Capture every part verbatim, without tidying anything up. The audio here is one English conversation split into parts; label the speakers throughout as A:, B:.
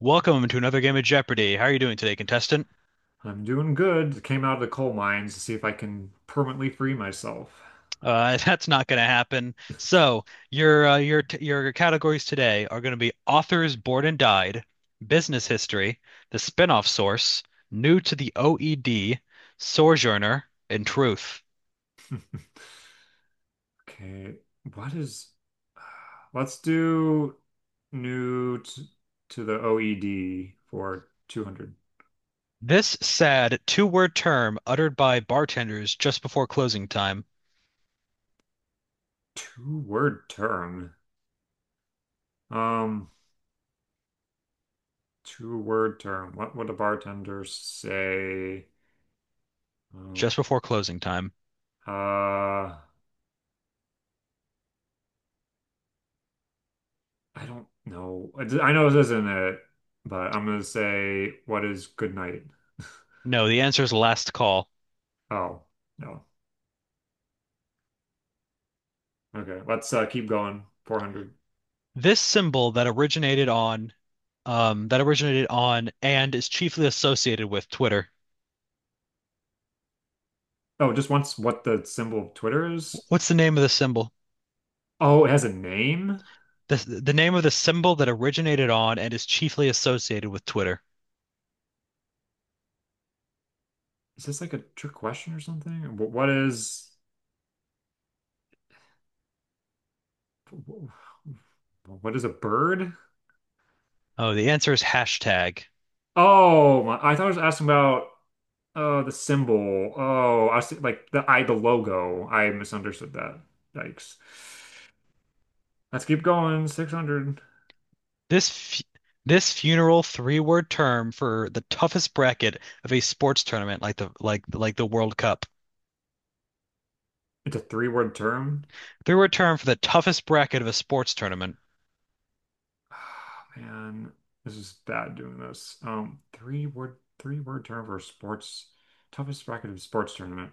A: Welcome to another game of Jeopardy. How are you doing today, contestant?
B: I'm doing good. Came out of the coal mines to see if I can permanently free myself.
A: Uh, that's not going to happen. So your uh, your t- your categories today are going to be authors born and died, business history, the spinoff source, new to the O E D, sojourner, and truth.
B: Okay, what is, let's do new t to the O E D for two hundred.
A: This sad two-word term uttered by bartenders just before closing time.
B: Two word term. Um, two word term. What would a bartender say? Um,
A: Just before closing time.
B: uh, I don't know. I I know this isn't it, but I'm gonna say, what is good night?
A: No, the answer is last call.
B: Oh, no. Okay, let's uh, keep going. four hundred.
A: This symbol that originated on um, that originated on and is chiefly associated with Twitter.
B: Oh, it just wants what the symbol of Twitter is?
A: What's the name of the symbol?
B: Oh, it has a name?
A: The, the name of the symbol that originated on and is chiefly associated with Twitter.
B: Is this like a trick question or something? Wh- What is what is a bird?
A: Oh, the answer is hashtag.
B: Oh, my, I thought I was asking about uh the symbol. Oh, I see like the I the logo. I misunderstood that. Yikes. Let's keep going. six hundred.
A: This fu this funeral three-word term for the toughest bracket of a sports tournament like the like like the World Cup.
B: It's a three-word term.
A: Three-word term for the toughest bracket of a sports tournament.
B: Oh, man, this is bad doing this. Um, three-word three-word term for sports toughest bracket of sports tournament.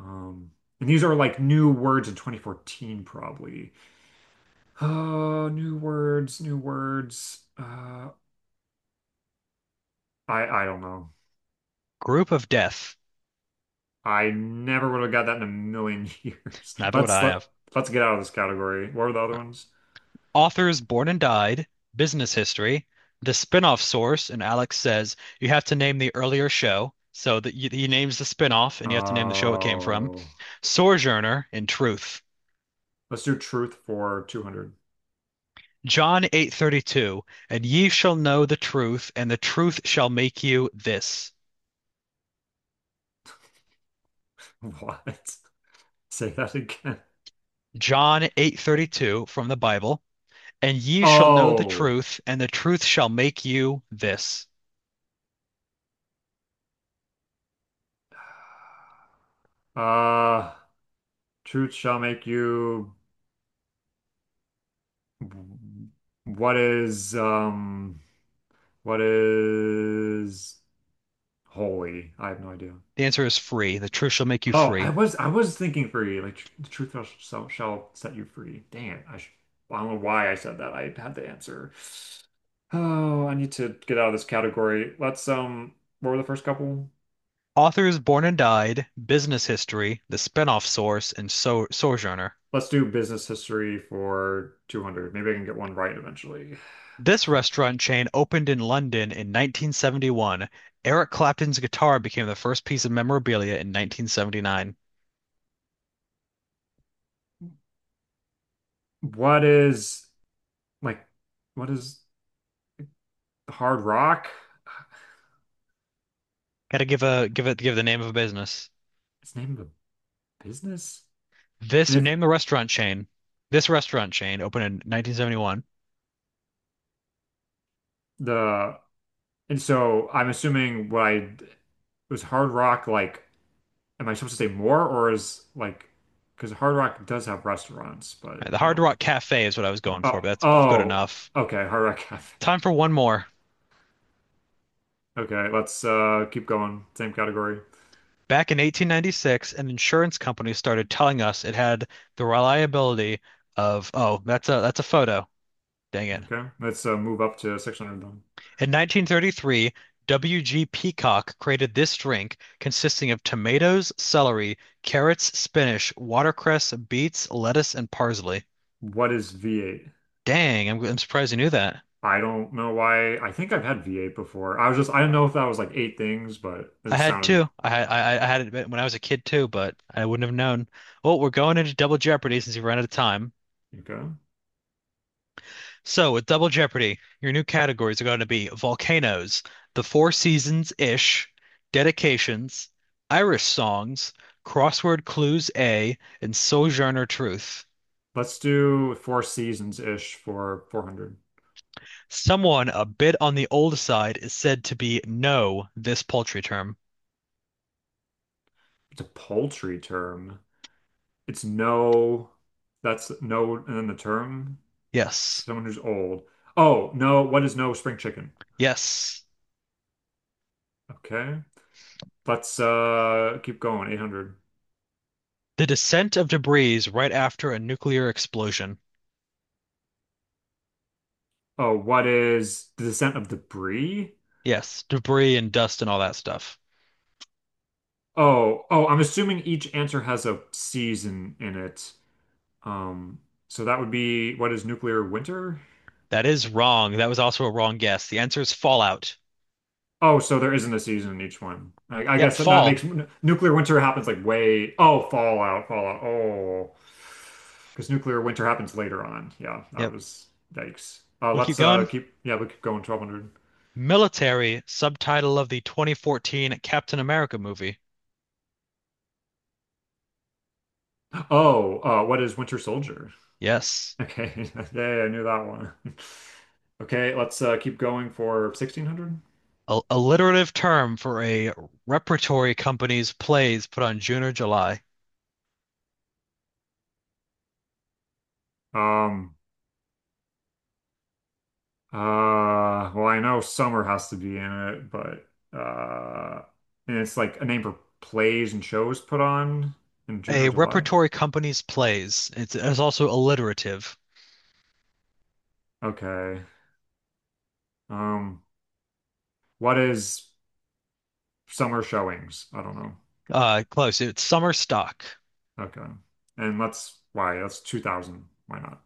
B: Um, and these are like new words in twenty fourteen, probably. Oh, new words, new words. Uh, I I don't know.
A: Group of death.
B: I never would have got that in a million years.
A: Neither would
B: Let's
A: I
B: let
A: have.
B: let's get out of this category. What were the other ones?
A: Authors Born and Died, Business History, the spin-off source, and Alex says you have to name the earlier show. So that you- he names the spin-off, and you have to name the show it came from.
B: Oh,
A: Sojourner in Truth.
B: let's do truth for two hundred.
A: John eight thirty-two, and ye shall know the truth, and the truth shall make you this.
B: What? Say that again.
A: John eight thirty-two from the Bible, and ye shall know the
B: Oh,
A: truth, and the truth shall make you this.
B: uh, truth shall make you. What is um? What is Holy, I have no idea.
A: The answer is free. The truth shall make you
B: Oh, I
A: free.
B: was I was thinking free, like tr the truth shall, shall shall set you free. Dang I sh I don't know why I said that. I had the answer. Oh, I need to get out of this category. Let's um, what were the first couple?
A: Authors Born and Died, Business History, The Spinoff Source, and so- Sojourner.
B: Let's do business history for two hundred. Maybe I can get one right eventually.
A: This restaurant chain opened in London in nineteen seventy-one. Eric Clapton's guitar became the first piece of memorabilia in nineteen seventy-nine.
B: What is like, what is Hard Rock?
A: Gotta give a give it give the name of a business.
B: It's the name of a business,
A: This
B: and it's
A: name the restaurant chain. This restaurant chain opened in nineteen seventy-one. All
B: the and so I'm assuming what I was Hard Rock like. Am I supposed to say more or is like because Hard Rock does have restaurants,
A: right,
B: but
A: the
B: I
A: Hard
B: don't.
A: Rock Cafe is what I was going for,
B: Oh,
A: but that's good
B: oh,
A: enough.
B: okay, Hard Rock Cafe.
A: Time for one more.
B: Okay, let's uh keep going. Same category.
A: Back in eighteen ninety-six, an insurance company started telling us it had the reliability of, oh, that's a that's a photo. Dang it.
B: Okay, let's uh move up to six hundred then.
A: In nineteen thirty-three, W G. Peacock created this drink consisting of tomatoes, celery, carrots, spinach, watercress, beets, lettuce, and parsley.
B: What is V eight?
A: Dang, I'm, I'm surprised you knew that.
B: I don't know why. I think I've had V eight before. I was just I didn't know if that was like eight things, but it
A: I
B: just
A: had
B: sounded
A: two. I had I, I had it when I was a kid too, but I wouldn't have known. Well, we're going into Double Jeopardy since we ran out of time.
B: okay.
A: So, with Double Jeopardy, your new categories are going to be volcanoes, the Four Seasons-ish, dedications, Irish songs, crossword clues A, and Sojourner Truth.
B: Let's do four seasons ish for four hundred.
A: Someone a bit on the old side is said to be no this paltry term.
B: It's a poultry term. It's no, that's no, and then the term.
A: Yes.
B: Someone who's old. Oh, no, what is no spring chicken?
A: Yes.
B: Okay. Let's uh keep going. eight hundred.
A: The descent of debris right after a nuclear explosion.
B: Oh, what is the descent of the Bree?
A: Yes, debris and dust and all that stuff.
B: Oh, oh, I'm assuming each answer has a season in it. Um, so that would be what is nuclear winter?
A: That is wrong. That was also a wrong guess. The answer is fallout.
B: Oh, so there isn't a season in each one. I, I
A: Yep,
B: guess that, that
A: fall.
B: makes nuclear winter happens like way. Oh, Fallout, Fallout. Oh, because nuclear winter happens later on. Yeah, that
A: Yep.
B: was yikes. Uh,
A: We'll keep
B: let's uh
A: going.
B: keep. Yeah, we keep going. twelve hundred.
A: Military subtitle of the twenty fourteen Captain America movie.
B: Oh, uh, what is Winter Soldier?
A: Yes.
B: Okay, yeah, I knew that one. Okay, let's uh keep going for sixteen hundred.
A: A alliterative term for a repertory company's plays put on June or July.
B: Um. Uh, well, I know Summer has to be in it, but uh, and it's like a name for plays and shows put on in June
A: A
B: or July.
A: repertory company's plays. It's, it's also alliterative.
B: Okay. Um, what is summer showings? I don't know.
A: Uh, close. It's summer stock.
B: Okay. And let's why that's two thousand. Why not?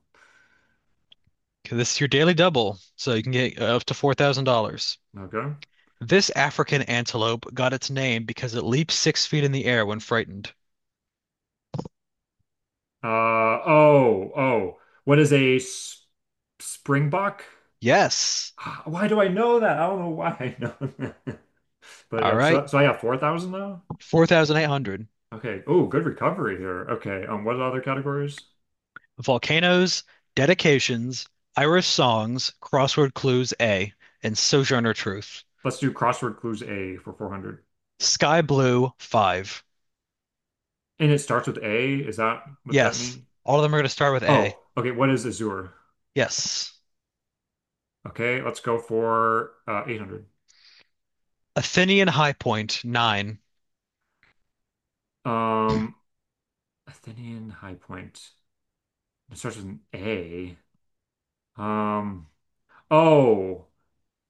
A: Okay, this is your daily double, so you can get up to four thousand dollars.
B: Okay.
A: This African antelope got its name because it leaps six feet in the air when frightened.
B: Uh, oh, oh. What is a s springbok?
A: Yes.
B: Ah, why do I know that? I don't know why I know that. But
A: All
B: yeah,
A: right.
B: so, so I got four thousand now?
A: four thousand eight hundred.
B: Okay. Oh, good recovery here. Okay. Um, what are the other categories?
A: Volcanoes, Dedications, Irish Songs, Crossword Clues A, and Sojourner Truth.
B: Let's do crossword clues A for four hundred.
A: Sky Blue five.
B: And it starts with A. Is that what that
A: Yes.
B: mean?
A: All of them are going to start with A.
B: Oh, okay. What is Azure?
A: Yes.
B: Okay. Let's go for uh, eight hundred.
A: Athenian High Point nine.
B: Um, Athenian High Point. It starts with an A. Um, oh,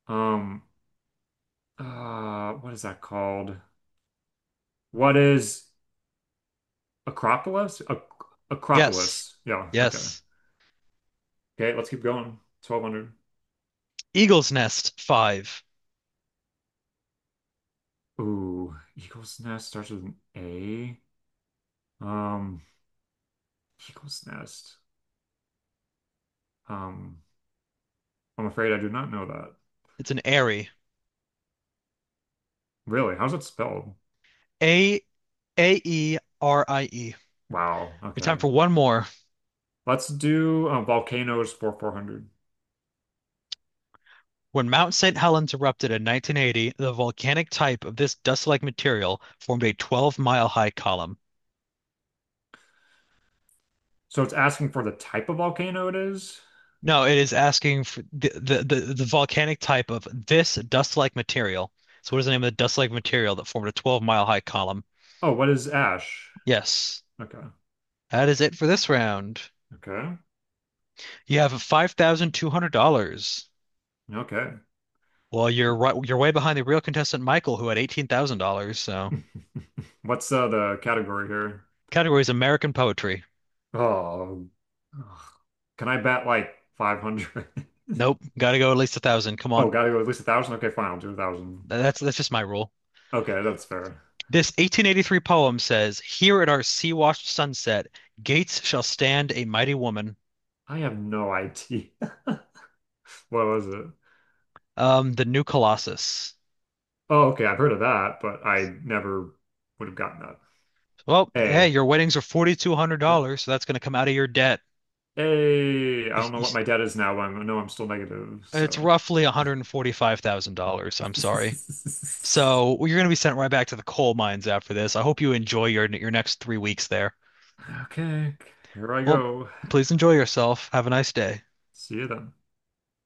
B: um, uh, what is that called? What is Acropolis? Ac
A: Yes.
B: Acropolis. Yeah. Okay.
A: Yes.
B: Okay. Let's keep going. twelve hundred.
A: Eagle's Nest five.
B: Ooh, Eagle's Nest starts with an A. Um, Eagle's Nest. Um, I'm afraid I do not know that.
A: It's an airy.
B: Really? How's it spelled?
A: A A E R I E.
B: Wow.
A: It's time
B: Okay.
A: for one more.
B: Let's do uh, volcanoes for four hundred.
A: When Mount Saint Helens erupted in nineteen eighty, the volcanic type of this dust-like material formed a twelve-mile high column.
B: So it's asking for the type of volcano it is.
A: No, it is asking for the, the, the, the volcanic type of this dust-like material. So what is the name of the dust-like material that formed a twelve-mile high column?
B: Oh, what is ash?
A: Yes,
B: Okay.
A: that is it for this round.
B: Okay.
A: You have five thousand two hundred dollars.
B: Okay.
A: Well, you're right, you're way behind the real contestant Michael, who had eighteen thousand dollars. So
B: What's uh, the category here?
A: category is American poetry.
B: Oh, ugh. Can I bet like five hundred?
A: Nope, gotta go at least a thousand. Come
B: Oh,
A: on.
B: gotta go at least a thousand? Okay, fine. I'll do a thousand.
A: That's that's just my rule.
B: Okay, that's fair.
A: This eighteen eighty-three poem says, "Here at our sea-washed sunset, gates shall stand a mighty woman."
B: I have no idea. What was it?
A: Um, the new Colossus.
B: Oh, okay. I've heard of that, but I never would have gotten that.
A: Well, yeah,
B: A.
A: your weddings are
B: Nope.
A: four thousand two hundred dollars so that's going to come out of your debt.
B: A. I
A: You-
B: don't know
A: you-
B: what my debt is now, but I know I'm still negative.
A: It's
B: So,
A: roughly one hundred forty-five thousand dollars. I'm sorry. So well, you're going to be sent right back to the coal mines after this. I hope you enjoy your your next three weeks there.
B: okay. Here I
A: Well,
B: go.
A: please enjoy yourself. Have a nice day.
B: See you then.